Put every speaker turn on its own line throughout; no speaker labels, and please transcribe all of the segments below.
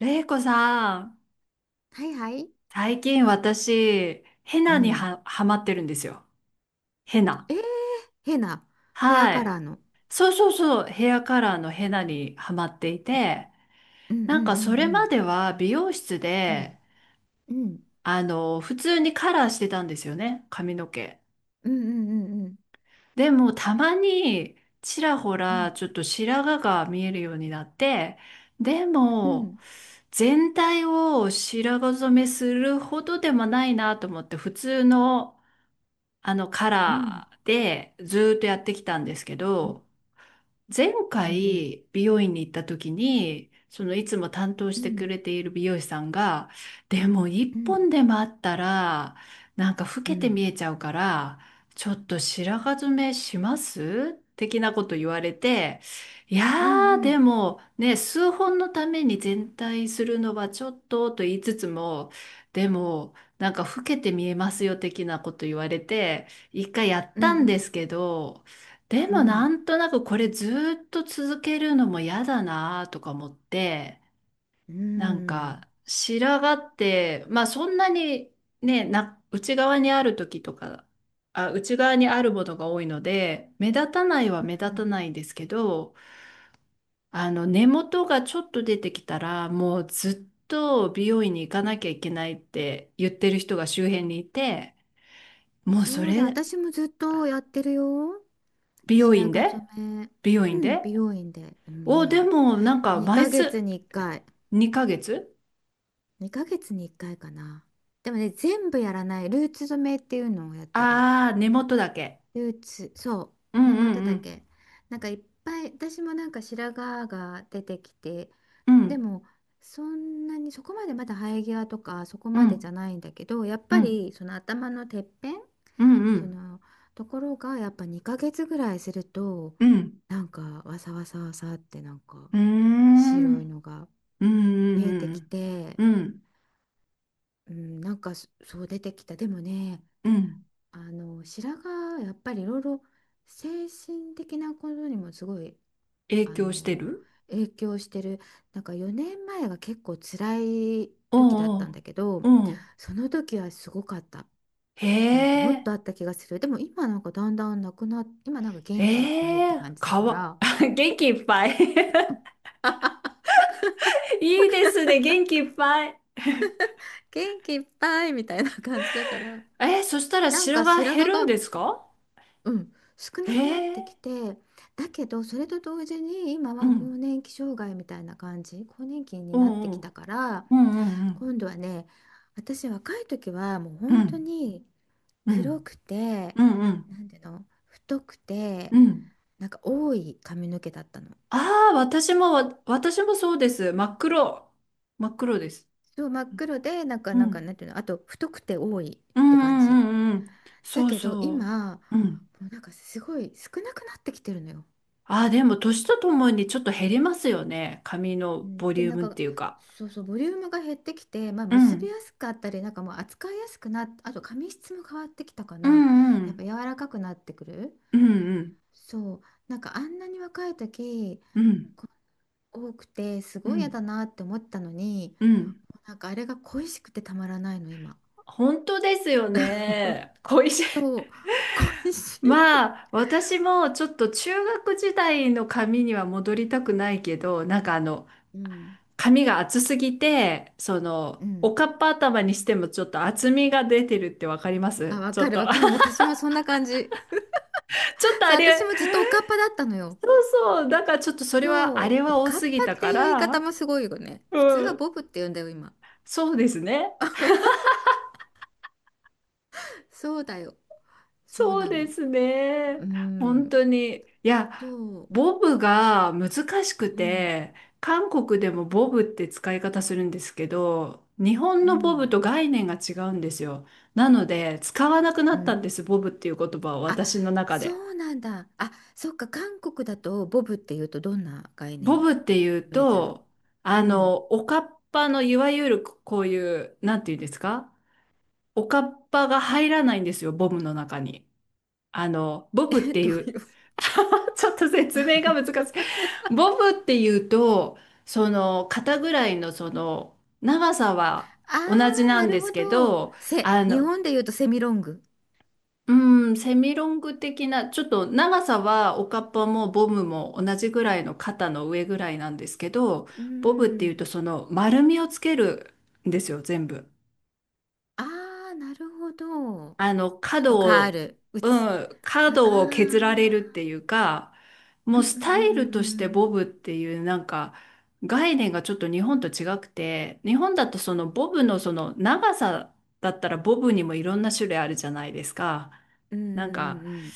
れいこさん、
はいはい。
最近私、ヘ
う
ナに
ん。
は、はまってるんですよ。ヘナ。
えー、変なヘア
は
カラ
い。
ーの。
そうそうそう、ヘアカラーのヘナにはまっていて、
うんうん
なん
う
かそれま
ん
では美容室
う
で、
ん。うん。うん
普通にカラーしてたんですよね、髪の毛。
うんうんうん
でもたまに、ちらほ
う
ら、
ん
ちょっと白髪が見えるようになって、で
う
も、
ん
全体を白髪染めするほどでもないなと思って、普通の、あのカ
うん
ラーでずーっとやってきたんですけ
うん
ど、前
うん
回美容院に行った時に、そのいつも担当し
う
てく
ん
れている美容師さんが、でも一
うん
本でもあったら、なんか老
うん
け
う
て見
ん
えちゃうから、ちょっと白髪染めします的なこと言われて、いやーでもね、数本のために全体するのはちょっとと言いつつも、でもなんか老けて見えますよ的なこと言われて、一回やったんですけど、で
う
もなんとなくこれずっと続けるのも嫌だなとか思って、なん
ん
か白髪って、まあそんなにね、内側にある時とか、あ、内側にあるものが多いので、目立たないは目
う
立た
ん。
ないんですけど、あの根元がちょっと出てきたら、もうずっと美容院に行かなきゃいけないって言ってる人が周辺にいて、もうそ
そうだ、
れ、
私もずっとやってるよ、
美容
白
院
髪
で
染め。
美容
う
院
ん、
で
美容院で
で
今、
も、なんか、毎
2ヶ
月。
月に1回。
2ヶ月。
2ヶ月に1回かいかな。でもね、全部やらないルーツ染めっていうのをやってる。
ああー、根元だけ。
ルーツ、そう、
う
根
んうん
元
う
だ
ん。
け。なんかいっぱい、私もなんか白髪が出てきて、
う
で
ん
も、そんなにそこまでまだ生え際とかそこ
う
までじ
ん
ゃないんだけど、やっ
う
ぱ
ん
りその頭のてっぺん、
う
そ
ん
のところがやっぱ2ヶ月ぐらいすると、
うんうん。
なんかわさわさわさってなんか
うーん。
白いのが
うんう
見
ん
えて
う
き
ん。
て、
うん
うん、なんかそう出てきた。でもね、
うん。
あの白髪やっぱりいろいろ精神的なことにもすごい
影
あ
響して
の
る。
影響してる。なんか4年前が結構辛い
お
時だった
う
んだけど、
おう。うん。
その時はすごかった。
へ
なんかもっと
え。
あった気がする。でも今なんかだんだんなくなっ今なんか元気いっぱいっ
え
て
え。
感じだ
か
か
わ。
ら。
元気いっぱい いいですね。元気いっぱい。
元気いっぱいみたいな感じだから、
そしたら
なん
白
か
髪
白
減
髪
るん
が、
ですか？
うん、少
え
なくなってき
え。
て、だけどそれと同時に今
う
は更
ん。
年期障害みたいな感じ、更年期
お
になって
う
き
お
た
う。
から。
うんうんうん。
今度はね、私若い時はもう
う
本当
ん、
に
う
黒
ん、
くて、
うん、うん、
なんていうの、太くて、
うん。
なんか多い髪の毛だったの。
ああ、私もそうです。真っ黒。真っ黒です。
そう、真っ黒で、なんか
うん、う
なんか
ん、
なんていうの、あと太くて多い
う
って感じ。
ん、うんうん。
だ
そう
けど
そ
今も
う。うん。
う、なんかすごい少なくなってきてるのよ。
ああ、でも、年とともにちょっと減りますよね。髪
う
のボ
ん、で
リュー
なん
ムっ
か
ていうか。
そうそうボリュームが減ってきて、まあ、
う
結び
ん、
やすかったり、なんかもう扱いやすくあと髪質も変わってきたか
う
な。
ん、う
やっ
ん、
ぱ柔らかくなってくる。
うん、うん、
そう、なんかあんなに若い時
うん、
こ多くてす
う
ごい嫌
ん、
だなって思ったのに、
うん。
なんかあれが恋しくてたまらないの、今。
本当ですよ ね。恋しい。
そう、 恋しい。
まあ、私もちょっと中学時代の髪には戻りたくないけど、なんかあの、
うん
髪が厚すぎて、
う
お
ん、
かっぱ頭にしてもちょっと厚みが出てるってわかりま
あ、
す？
わ
ちょ
か
っ
る
と、
わかる、 私もそんな感じ。
ちょっと
そ
あ
う、私
れ、
もずっとおかっぱだったのよ。
そうそう、だからちょっとそれは、
そ
あ
う、
れ
お
は多
かっ
す
ぱ
ぎた
って
か
いう言い方も
ら、
すごいよね。普通
う
は
ん、
ボブって言うんだよ、今。
そうですね。
そうだよ。そう
そう
な
で
の。
すね。
う
本
ん。
当に。いや、
そ
ボブが難しく
う。うん。
て、韓国でもボブって使い方するんですけど、日本
う
のボブ
ん。
と概念が違うんですよ。なので、使わなくな
う
った
ん。
んです、ボブっていう言葉を
あ、
私の中
そ
で。
うなんだ。あ、そっか、韓国だとボブっていうとどんな概
ボ
念、
ブっていう
イメージなの。
と、
うん。
おかっぱのいわゆるこういう、なんていうんですか？おかっぱが入らないんですよ、ボブの中に。ボブっ
え、
て
ど
い
う
う、
いう。
ちょっと説明が難 しい。ボブっていうと、その肩ぐらいのその長さは
あ
同じ
あ、
な
な
ん
る
で
ほ
すけ
ど。
ど、あ
日
の、
本で言うとセミロング。
うん、セミロング的な、ちょっと長さはおかっぱもボブも同じぐらいの肩の上ぐらいなんですけど、
う
ボブっていうと
ん。
その丸みをつけるんですよ、全部。
ああ、なるほど。ちょっと
角
カー
を、
ル、う
う
ち、
ん、
か、あ
角を削られるって
あ、
いうか、
う
も
ん
う
う
スタイルとして
んう
ボ
ん
ブっていうなんか概念がちょっと日本と違くて、日本だとそのボブのその長さだったらボブにもいろんな種類あるじゃないですか。
うんう
なん
んうんう
か、
んうんうん、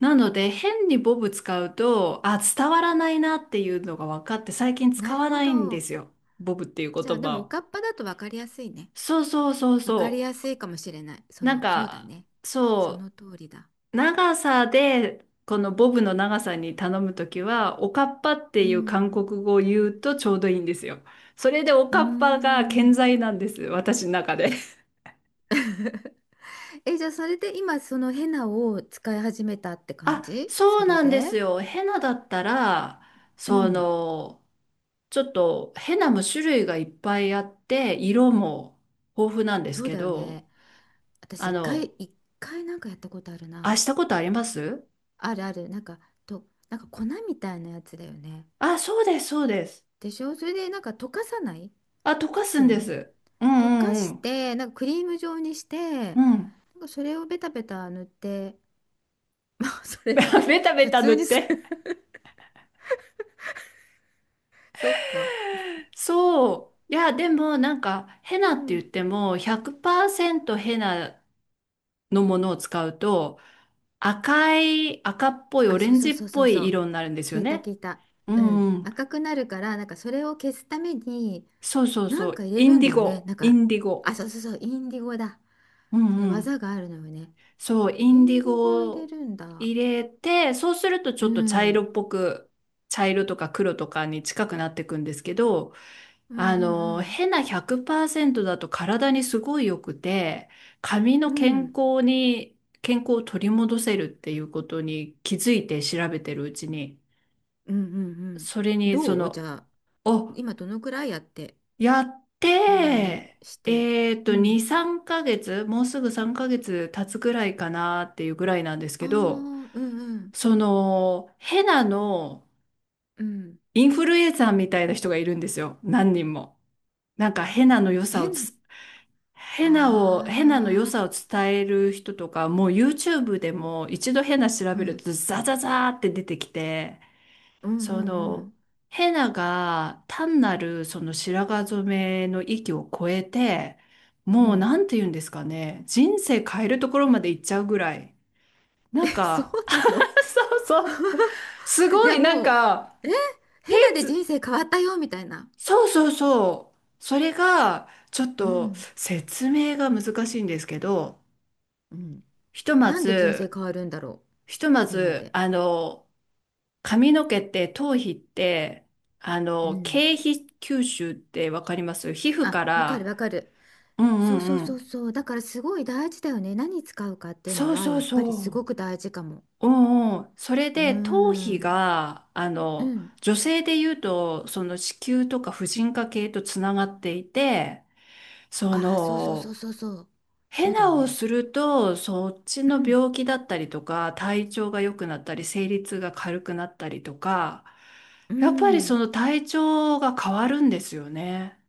なので変にボブ使うと、あ、伝わらないなっていうのが分かって最近
な
使
る
わ
ほ
ないんで
ど。
すよ。ボブっていう言
じゃあ、で
葉
もお
を。
かっぱだと分かりやすいね。
そうそうそう
分かりや
そ
すいかもしれない。
う。
そ
なん
の、そうだ
か、
ね。そ
そ
の通りだ。
う。長さで、このボブの長さに頼むときは、おかっぱって
う
いう韓
ん。
国語を言うとちょうどいいんですよ。それでお
うー
かっぱが健
ん。
在なんです、私の中で。
え、じゃあ、それで今、そのヘナを使い始めたって 感
あ、
じ。
そ
そ
う
れ
なんです
で？
よ。ヘナだったら、
う
そ
ん。
の、ちょっとヘナも種類がいっぱいあって、色も豊富なんです
そう
け
だよ
ど、
ね。私、
あ
一回、
の、
一回なんかやったことある
あ、
な。
したことあります？
あるある。なんか、なんか粉みたいなやつだよね。
あ、そうです、そうです。
でしょ、それでなんか溶かさない？
あ、
溶
溶か
か
す
す
ん
よ
で
ね。
す。う
溶か
んう
し
ん
て、なんかクリーム状にして、な
う
ん
ん。うん。
かそれをベタベタ塗って、まあ、それっ て
ベタベ
普
タ塗
通
っ
にす
て。
る。 そっか。
そう。いや、でもなんか、ヘ
う
ナって言
ん。
っても、100%ヘナのものを使うと、赤い、赤っぽい、オ
あ、
レ
そう
ン
そ
ジ
う
っ
そうそ
ぽ
うそ
い
う。
色になるんです
聞
よ
いた
ね。
聞いた。
う
うん。
んうん。
赤くなるから、なんかそれを消すために、
そうそう
な
そ
んか
う。
入れ
イ
る
ン
ん
デ
だ
ィ
よね。
ゴ、
なん
イ
か、
ンディゴ。
あ、そうそうそう、インディゴだ。
う
その
んう
技
ん。
があるのよね。
そう、イ
イ
ンデ
ン
ィ
ディゴを
ゴ
入れ
を
るんだ。
入れて、そうするとち
う
ょっと茶色
ん。
っぽく、茶色とか黒とかに近くなっていくんですけど、
うんうん
ヘナ100%だと体にすごい良くて、髪
う
の
ん。う
健
ん。
康に、健康を取り戻せるっていうことに気づいて調べてるうちに、
うんうんうん。
それに
どう、じゃあ
お、
今どのくらいやって、
やっ
え、何
て、
して。う
2、
ん。
3ヶ月、もうすぐ3ヶ月経つぐらいかなっていうぐらいなんです
あ
け
あ、う
ど、
んうん。
ヘナの
うん。
インフルエンサーみたいな人がいるんですよ。何人も。なんかヘナの良さをつ
変。
ヘナを、ヘナの良
ああ、
さを伝える人とか、もう YouTube でも一度ヘナ調
う
べる
ん。
とザザザーって出てきて、
うんう
そ
んう
の、
ん。
ヘナが単なるその白髪染めの域を超えて、
う
もう
ん。
なんて言うんですかね、人生変えるところまで行っちゃうぐらい、な
え、
ん
そう
か、
なの。
そうそう、す
い
ご
や、
いなん
も
か、
う、え、
ヘイ
変なで人生変わったよ、みたいな。
そうそうそう、それがちょっ
う
と
ん。
説明が難しいんですけど、
うん。
ひとま
なんで人生
ず、
変わるんだろう、
ひとま
変な
ず、
で。
髪の毛って頭皮って、
うん。
経皮吸収ってわかります？皮膚か
あ、わかる
ら、
わかる。
うんう
そうそう
んう
そう
ん。
そう。だからすごい大事だよね。何使うかっていうの
そう
は
そう
やっぱ
そ
りすごく大事かも。
う。うんうん。それ
うー
で頭皮
ん。
が、
うん。
女性で言うと、その子宮とか婦人科系とつながっていて、そ
ああ、そうそうそう
の、
そうそう。そ
ヘ
うだよ
ナを
ね。
すると、そっち
う
の
ん。
病気だったりとか、体調が良くなったり、生理痛が軽くなったりとか、
う
やっぱりそ
ん。
の体調が変わるんですよね。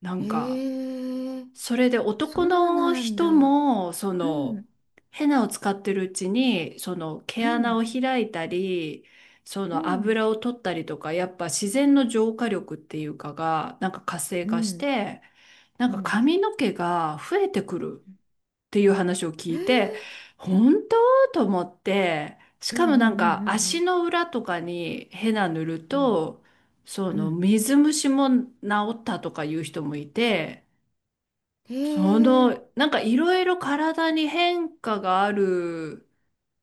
なんか、
へえ。
それで
そ
男
う
の
なん
人
だ。
も、
うん。
ヘナを使ってるうちに、その毛
う
穴を
ん。
開いたり、そ
う
の
ん。
油を取ったりとか、やっぱ自然の浄化力っていうかが、なんか活性
う
化し
ん。
て、な
う
んか
ん。
髪の毛が増えてくる。っていう話を
え
聞いて、
え。
本当と思って、し
うんう
かも
ん
なんか
う
足
ん
の裏とかにヘナ塗る
うん
と、そ
うん。うん。
の
うん。
水虫も治ったとかいう人もいて、
へえ。
なんかいろいろ体に変化があるっ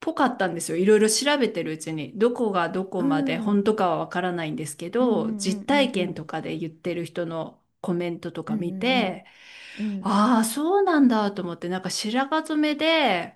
ぽかったんですよ。いろいろ調べてるうちに。どこがどこ
う
まで
ん。う
本
ん
当かはわからないんですけ
うん
ど、
うん
実体
う
験
ん
とかで言ってる人のコメントと
う
か
ん。う
見
んうん
て、
うん。うん。
ああ、そうなんだと思って、なんか白髪染めで、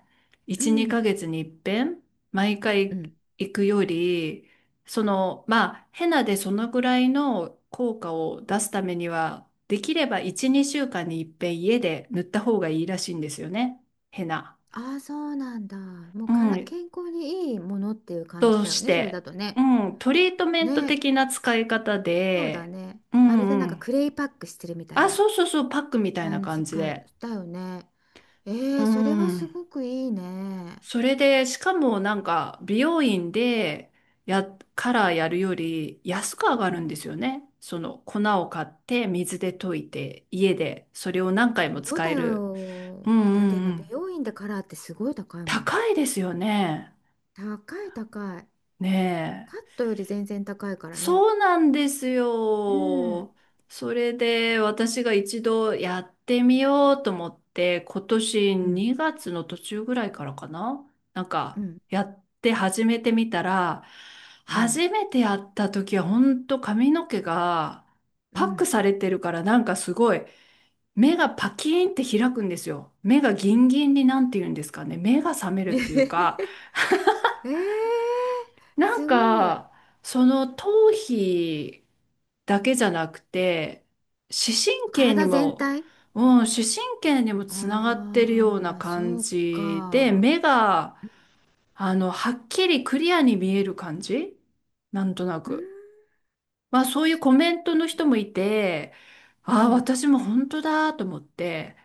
う
1、
ん。
2ヶ月に一遍、毎
う
回
ん。
行くより、まあ、ヘナでそのぐらいの効果を出すためには、できれば1、2週間に一遍家で塗った方がいいらしいんですよね。ヘナ。
ああ、そうなんだ。もう
う
から、
ん。
健康にいいものっていう感じ
と
だよ
し
ね、それだ
て、
とね。
うん。トリートメント
ね、
的な使い方
そうだ
で、
ね。
う
まるで
ん
な
う
んか
ん。
クレイパックしてるみたい
あ、
な
そうそうそう、パックみたいな
感じ
感じ
か、
で。
だよね。え
う
え、それはす
ん。
ごくいいね。
それで、しかもなんか、美容院で、や、カラーやるより安く上が
う
るん
ん、
ですよね。その粉を買って水で溶いて家でそれを何回
そ
も
う
使
だ
える。う
よ。
んうん
だって
う
今、美
ん。
容院でカラーってすごい高いもん。
高いですよね。
高い高い。
ね
カッ
え。
トより全然高いからね。
そうなんです
うん。
よ。それで私が一度やってみようと思って、今年
うん。
2月の途中ぐらいからかな、
うん。
やって始めてみたら、
うん。
初めてやった時は本当髪の毛が
う
パック
ん。
されてるからすごい、目がパキーンって開くんですよ。目がギンギンに、なんて言うんですかね。目が覚め るっていうか、
ええ、
なん
すごい。
か、その頭皮だけじゃなくて、視神経に
体全
も、
体、
うん、視神経にもつながっ
あ
てるような
あー、
感
そう
じで、
か。
目が、はっきりクリアに見える感じ、なんとな
うん、
く。まあ、そういう
す
コメントの人もいて、
う
ああ、
ん。
私も本当だと思って、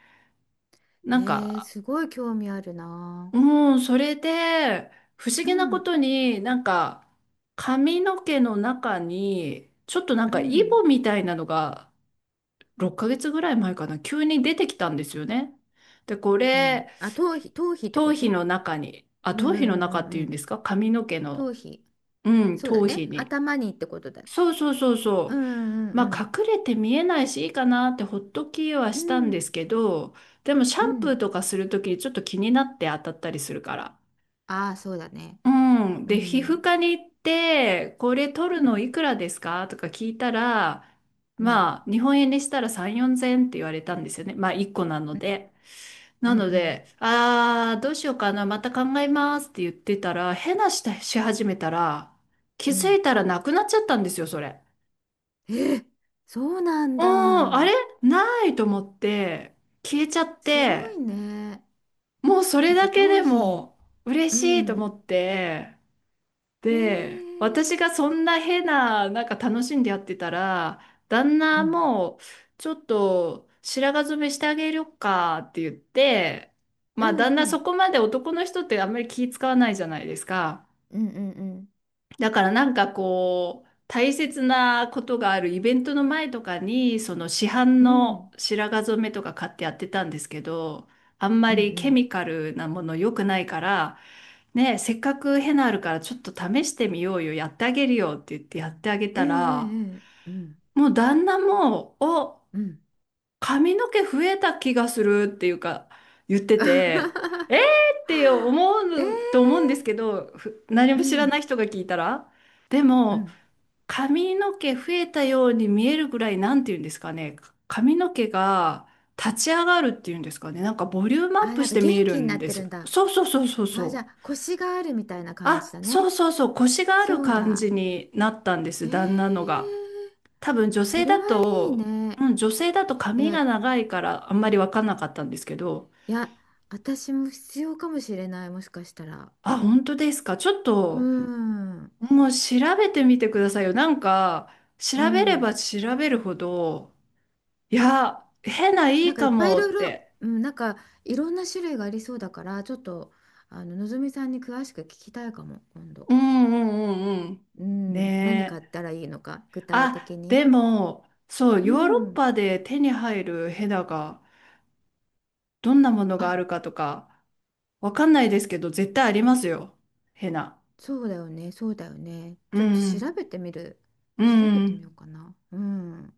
え
なんか、
すごい興味あるな。
もうそれで不思
う
議なこ
ん、
とに、髪の毛の中にちょっと
う
イ
ん、
ボみたいなのが6ヶ月ぐらい前かな、急に出てきたんですよね。でこ
う
れ、
ん。あ、頭皮、頭皮って
頭
こ
皮
と？
の中に、
うんう
頭皮の中
んうん
っ
うん
て
う
いうんで
ん。
すか、髪の毛の、
頭皮。
う
そうだ
頭皮
ね。
に。
頭にってことだね。
そうそうそう
う
そ
んう
う。
んう
ま
ん。
あ隠れて見えないしいいかなってほっときは
う
したんで
ん
すけど、でもシ
う
ャンプー
ん。
とかするときにちょっと気になって当たったりするから。
ああ、そうだね。
うん。
う
で、皮膚
ん。
科に行って、これ取る
う
の
ん
いくらですかとか聞いたら、
うん
まあ、日本円にしたら3、4千って言われたんですよね。まあ、1個なの
うん
で。
う
な
ん
の
うん
で、あー、どうしようかな、また考えますって言ってたら、変なしたし始めたら、気
う
づ
ん。
いたらなくなっちゃったんですよ、それ。
えー、そうなん
うーあれ、
だ。
ないと思って、消えちゃっ
すご
て、
いね。
もうそれ
やっ
だ
ぱ
け
頭
で
皮。
も嬉
う
しいと思
ん。
って、
へ
で、
え。
私がそんな変な、楽しんでやってたら、旦
う
那
ん。
も、ちょっと白髪染めしてあげるかって言って、
う
まあ旦
んう
那、そ
ん。
こまで男の人ってあんまり気使わないじゃないですか。
うんうん
だからこう、大切なことがあるイベントの前とかに、その市販
うん。う
の
ん。
白髪染めとか買ってやってたんですけど、あんま
うんう
りケ
ん
ミカルなもの良くないから、ねえ、せっかくヘナあるからちょっと試してみようよ、やってあげるよって言ってやってあげ
ええ
た
え
ら、
え。うん。
もう旦那も、お、
うん。
髪の毛増えた気がするっていうか言ってて、えー って思うと思うん
ええ、
ですけど、何
う
も知らな
ん
い人が聞いたら。で
う
も、
ん、
髪の毛増えたように見えるぐらい、なんて言うんですかね、髪の毛が立ち上がるっていうんですかね、ボリュームアッ
あ、
プ
なん
し
か
て見え
元
る
気にな
ん
っ
で
て
す
る
よ。
んだ。
そうそうそうそう
あ、じゃ
そう。
あ腰があるみたいな感じ
あ、
だね。
そうそうそう、腰がある
そう
感
だ。
じになったんで
え
す、旦那のが。
え、
多分女
そ
性
れは
だ
いい
と、
ね。
うん、女性だと髪
え、
が長いからあんまり分かんなかったんですけど、
いや、私も必要かもしれない、もしかしたら。
あ、本当ですか。ちょっ
う
と、
ん。
もう調べてみてくださいよ。調
う
べれ
ん、
ば調べるほど、いや、変ない
な
い
んかいっ
か
ぱいい
も
ろい
っ
ろ、
て。
うん、なんかいろんな種類がありそうだから、ちょっとのぞみさんに詳しく聞きたいかも、今度。
うんうんうんうん。
うん、何
ね
買っ
え。
たらいいのか、具体
あ、
的
で
に。
も、そう、
う
ヨーロッ
ん、
パで手に入るヘナが、どんなもの
あ
があ
る。
るかとか、わかんないですけど、絶対ありますよ。ヘナ。
そうだよね、そうだよね。
う
ちょっと
んう
調
ん。
べてみる。
う
調
ん
べ
う
てみ
ん。
ようかな。うん。